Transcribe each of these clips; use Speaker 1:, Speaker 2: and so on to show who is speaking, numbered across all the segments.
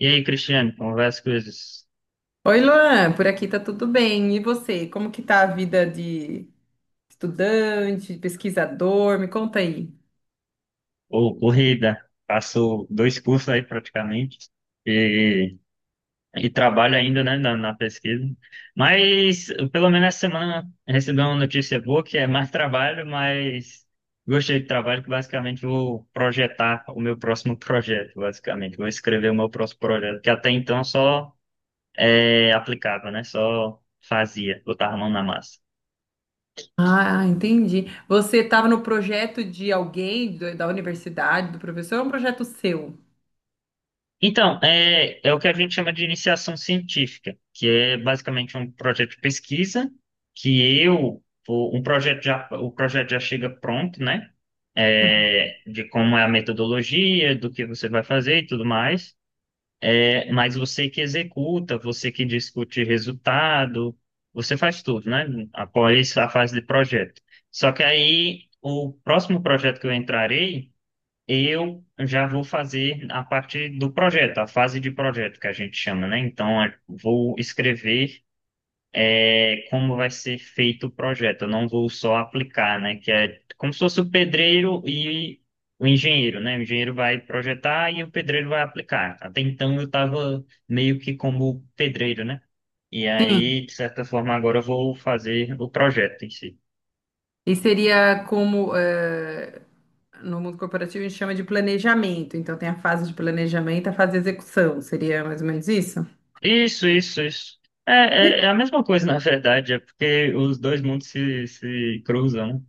Speaker 1: E aí, Cristiano, como vai as coisas?
Speaker 2: Oi, Luan, por aqui tá tudo bem. E você, como que tá a vida de estudante, de pesquisador? Me conta aí.
Speaker 1: Ô, corrida, passou dois cursos aí praticamente e, e trabalho ainda, né, na pesquisa. Mas pelo menos essa semana recebi uma notícia boa que é mais trabalho, mas gostei do trabalho que basicamente vou projetar o meu próximo projeto, basicamente. Vou escrever o meu próximo projeto, que até então só aplicava, né? Só fazia, botava a mão na massa.
Speaker 2: Ah, entendi. Você estava no projeto de da universidade, do professor, ou é um projeto seu?
Speaker 1: Então, é o que a gente chama de iniciação científica, que é basicamente um projeto de pesquisa, que eu, o, um projeto já, o projeto já chega pronto, né? De como é a metodologia, do que você vai fazer e tudo mais. Mas você que executa, você que discute resultado, você faz tudo, né? Após a fase de projeto. Só que aí, o próximo projeto que eu entrarei eu já vou fazer a parte do projeto, a fase de projeto que a gente chama, né? Então, vou escrever como vai ser feito o projeto. Eu não vou só aplicar, né? Que é como se fosse o pedreiro e o engenheiro, né? O engenheiro vai projetar e o pedreiro vai aplicar. Até então, eu estava meio que como pedreiro, né? E
Speaker 2: Sim.
Speaker 1: aí, de certa forma, agora eu vou fazer o projeto em si.
Speaker 2: E seria como, no mundo corporativo a gente chama de planejamento. Então tem a fase de planejamento, a fase de execução. Seria mais ou menos isso?
Speaker 1: Isso, isso, isso. É a mesma coisa, na verdade, é porque os dois mundos se cruzam, né?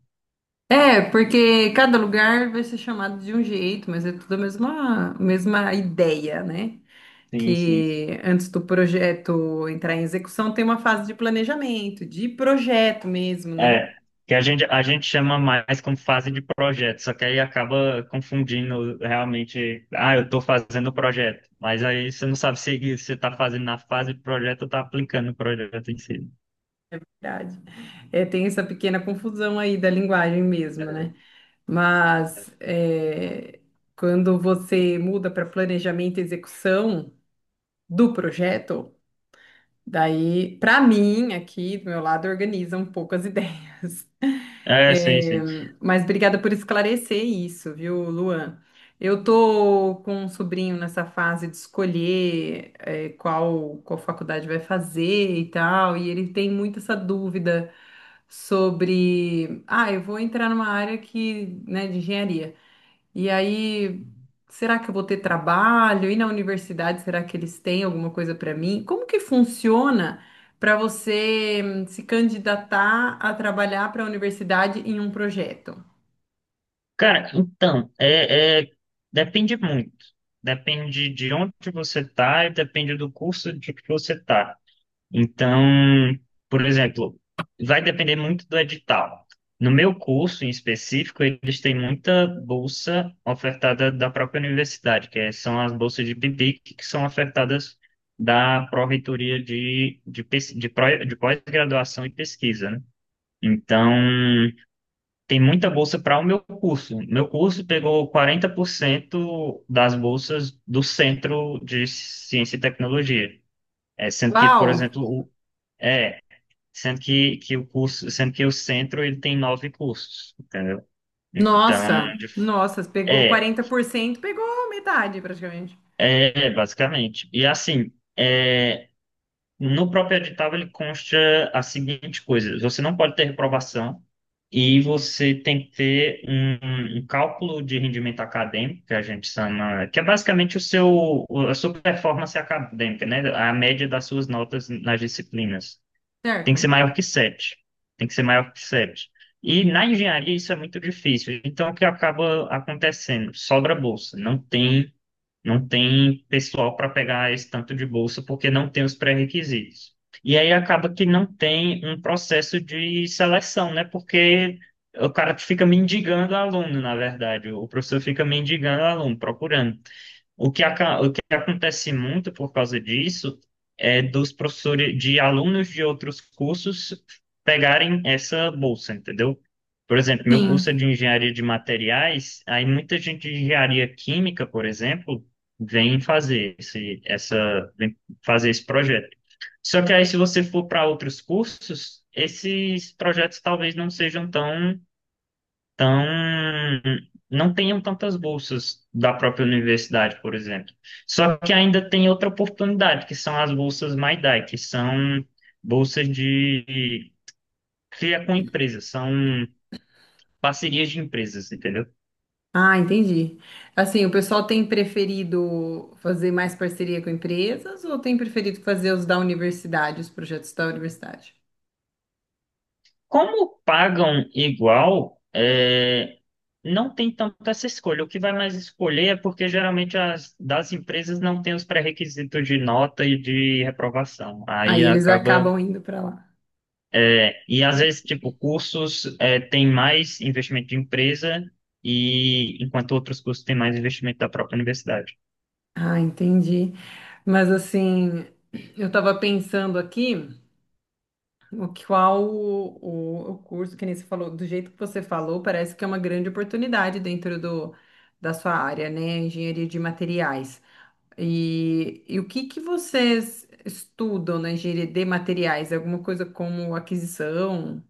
Speaker 2: É, porque cada lugar vai ser chamado de um jeito, mas é tudo a mesma ideia, né?
Speaker 1: Sim, sim.
Speaker 2: Que antes do projeto entrar em execução tem uma fase de planejamento, de projeto mesmo, né?
Speaker 1: É, que a gente chama mais como fase de projeto, só que aí acaba confundindo realmente, ah, eu estou fazendo o projeto, mas aí você não sabe se você está fazendo na fase de projeto ou está aplicando o projeto em si.
Speaker 2: É verdade. É, tem essa pequena confusão aí da linguagem mesmo,
Speaker 1: É,
Speaker 2: né? Mas é, quando você muda para planejamento e execução do projeto, daí, para mim, aqui do meu lado, organiza um pouco as ideias.
Speaker 1: é, sim,
Speaker 2: É,
Speaker 1: sim.
Speaker 2: mas obrigada por esclarecer isso, viu, Luan? Eu tô com um sobrinho nessa fase de escolher, é, qual faculdade vai fazer e tal, e ele tem muito essa dúvida sobre, ah, eu vou entrar numa área que, né, de engenharia. E aí, será que eu vou ter trabalho? E na universidade, será que eles têm alguma coisa para mim? Como que funciona para você se candidatar a trabalhar para a universidade em um projeto?
Speaker 1: Cara, então, depende muito. Depende de onde você está e depende do curso de que você está. Então, por exemplo, vai depender muito do edital. No meu curso em específico, eles têm muita bolsa ofertada da própria universidade, são as bolsas de PIBIC, que são ofertadas da Pró-Reitoria de pós-graduação e pesquisa, né? Então, tem muita bolsa para o meu curso. Meu curso pegou 40% das bolsas do Centro de Ciência e Tecnologia. É, sendo que,
Speaker 2: Uau!
Speaker 1: por exemplo, é, sendo que o centro ele tem nove cursos, entendeu? Então,
Speaker 2: Nossa! Nossa, pegou
Speaker 1: é,
Speaker 2: 40%, pegou metade praticamente,
Speaker 1: basicamente. E assim, no próprio edital ele consta a seguinte coisa: você não pode ter reprovação e você tem que ter um cálculo de rendimento acadêmico, que a gente chama, que é basicamente a sua performance acadêmica, né? A média das suas notas nas disciplinas tem que ser
Speaker 2: certo?
Speaker 1: maior que sete. Tem que ser maior que 7. E na engenharia isso é muito difícil. Então, o que acaba acontecendo? Sobra bolsa. Não tem pessoal para pegar esse tanto de bolsa porque não tem os pré-requisitos. E aí acaba que não tem um processo de seleção, né? Porque o cara fica mendigando aluno, na verdade. O professor fica mendigando aluno, procurando. O que acontece muito por causa disso é dos professores, de alunos de outros cursos pegarem essa bolsa, entendeu? Por exemplo, meu curso é
Speaker 2: Sim.
Speaker 1: de engenharia de materiais, aí muita gente de engenharia química, por exemplo, vem fazer esse projeto. Só que aí, se você for para outros cursos, esses projetos talvez não sejam tão então, não tenham tantas bolsas da própria universidade, por exemplo. Só que ainda tem outra oportunidade, que são as bolsas MyDai, que são bolsas de cria com empresas, são parcerias de empresas, entendeu?
Speaker 2: Ah, entendi. Assim, o pessoal tem preferido fazer mais parceria com empresas ou tem preferido fazer os da universidade, os projetos da universidade?
Speaker 1: Como pagam igual, não tem tanta essa escolha. O que vai mais escolher é porque geralmente as das empresas não tem os pré-requisitos de nota e de reprovação. Aí
Speaker 2: Aí eles
Speaker 1: acaba.
Speaker 2: acabam indo para lá.
Speaker 1: E às vezes, tipo, cursos têm mais investimento de empresa e enquanto outros cursos têm mais investimento da própria universidade.
Speaker 2: Ah, entendi. Mas assim, eu estava pensando aqui, qual o curso que nem você falou, do jeito que você falou, parece que é uma grande oportunidade dentro do, da sua área, né? Engenharia de materiais. E o que que vocês estudam na engenharia de materiais? É alguma coisa como aquisição?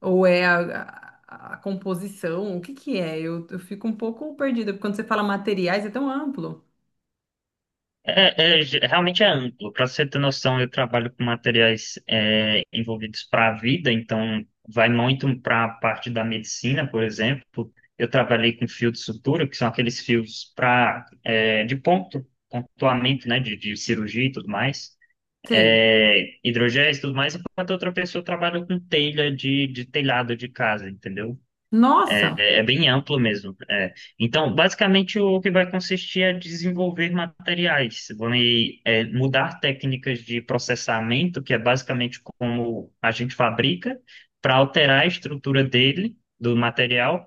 Speaker 2: Ou é a composição? O que que é? Eu fico um pouco perdida, porque quando você fala materiais é tão amplo.
Speaker 1: Realmente é amplo. Para você ter noção, eu trabalho com materiais envolvidos para a vida, então vai muito para a parte da medicina, por exemplo. Eu trabalhei com fio de sutura, que são aqueles fios para de ponto, pontuamento, né, de cirurgia e tudo mais.
Speaker 2: Sim.
Speaker 1: Hidrogéis e tudo mais, enquanto outra pessoa trabalha com telha de telhado de casa, entendeu?
Speaker 2: Nossa,
Speaker 1: É, é bem amplo mesmo. É. Então, basicamente, o que vai consistir é desenvolver materiais, mudar técnicas de processamento, que é basicamente como a gente fabrica, para alterar a estrutura dele, do material,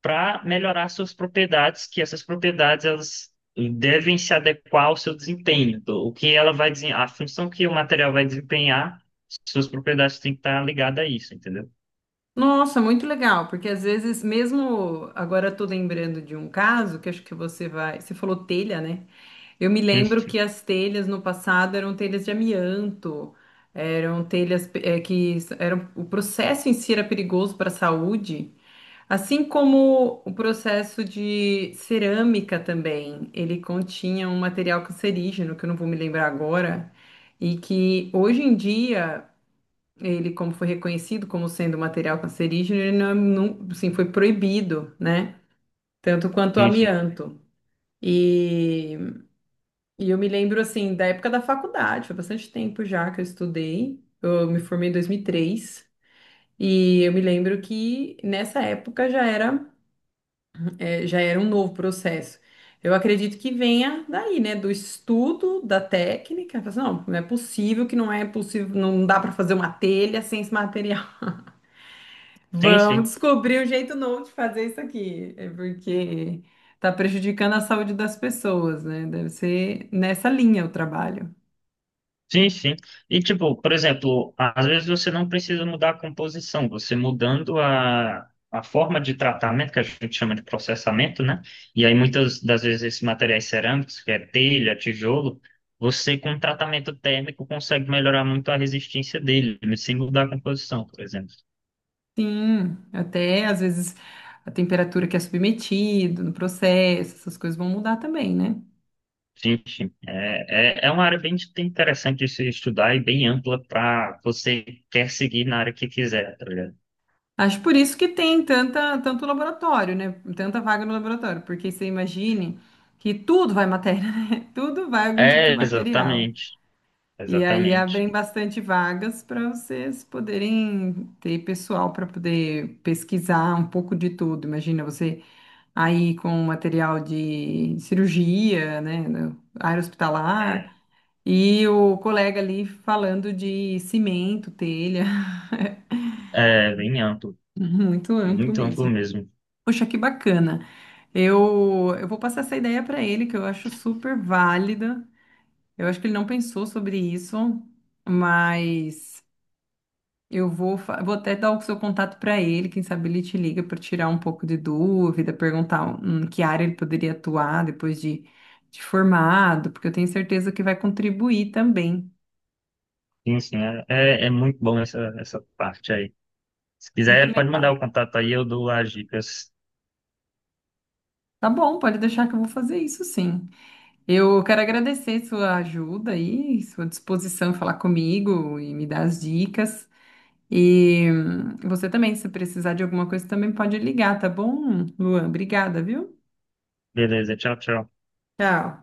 Speaker 1: para melhorar suas propriedades, que essas propriedades elas devem se adequar ao seu desempenho. Então, O que ela vai desen- a função que o material vai desempenhar, suas propriedades têm que estar ligadas a isso, entendeu?
Speaker 2: nossa, muito legal, porque às vezes mesmo agora eu tô lembrando de um caso que acho que você vai, você falou telha, né? Eu me
Speaker 1: Sim,
Speaker 2: lembro que as telhas no passado eram telhas de amianto, eram telhas eram, o processo em si era perigoso para a saúde, assim como o processo de cerâmica também, ele continha um material cancerígeno que eu não vou me lembrar agora. E que hoje em dia ele, como foi reconhecido como sendo material cancerígeno, ele não, não, assim, foi proibido, né? Tanto quanto o
Speaker 1: sim, sim.
Speaker 2: amianto. E, e eu me lembro, assim, da época da faculdade, foi bastante tempo já que eu estudei, eu me formei em 2003, e três, e eu me lembro que nessa época já era, já era um novo processo. Eu acredito que venha daí, né, do estudo, da técnica. Fala assim, não, não é possível não dá para fazer uma telha sem esse material.
Speaker 1: Sim, sim.
Speaker 2: Vamos descobrir um jeito novo de fazer isso aqui. É porque tá prejudicando a saúde das pessoas, né? Deve ser nessa linha o trabalho.
Speaker 1: Sim, sim. E, tipo, por exemplo, às vezes você não precisa mudar a composição, você mudando a forma de tratamento, que a gente chama de processamento, né? E aí, muitas das vezes, esses materiais cerâmicos, que é telha, tijolo, você, com um tratamento térmico, consegue melhorar muito a resistência dele, sem mudar a composição, por exemplo.
Speaker 2: Sim, até às vezes a temperatura que é submetido no processo, essas coisas vão mudar também, né?
Speaker 1: Sim, sim. É uma área bem interessante de se estudar e bem ampla para você quer seguir na área que quiser, tá ligado?
Speaker 2: Acho por isso que tem tanto laboratório, né? Tanta vaga no laboratório, porque você imagine que tudo vai matéria, né? Tudo vai algum tipo de
Speaker 1: É,
Speaker 2: material.
Speaker 1: exatamente.
Speaker 2: E aí
Speaker 1: Exatamente.
Speaker 2: abrem bastante vagas para vocês poderem ter pessoal para poder pesquisar um pouco de tudo. Imagina você aí com material de cirurgia, né, no área hospitalar,
Speaker 1: É,
Speaker 2: e o colega ali falando de cimento, telha,
Speaker 1: é bem amplo,
Speaker 2: muito amplo
Speaker 1: muito amplo
Speaker 2: mesmo.
Speaker 1: mesmo.
Speaker 2: Poxa, que bacana. Eu vou passar essa ideia para ele, que eu acho super válida. Eu acho que ele não pensou sobre isso, mas. Eu vou, vou até dar o seu contato para ele, quem sabe ele te liga para tirar um pouco de dúvida, perguntar em que área ele poderia atuar depois de formado, porque eu tenho certeza que vai contribuir também.
Speaker 1: Sim, sim, é muito bom essa parte aí. Se
Speaker 2: Muito
Speaker 1: quiser, pode mandar
Speaker 2: legal.
Speaker 1: o contato aí, eu dou as dicas.
Speaker 2: Tá bom, pode deixar que eu vou fazer isso sim. Eu quero agradecer sua ajuda aí, sua disposição em falar comigo e me dar as dicas. E você também, se precisar de alguma coisa, também pode ligar, tá bom, Luan? Obrigada, viu?
Speaker 1: Beleza, tchau, tchau.
Speaker 2: Tchau.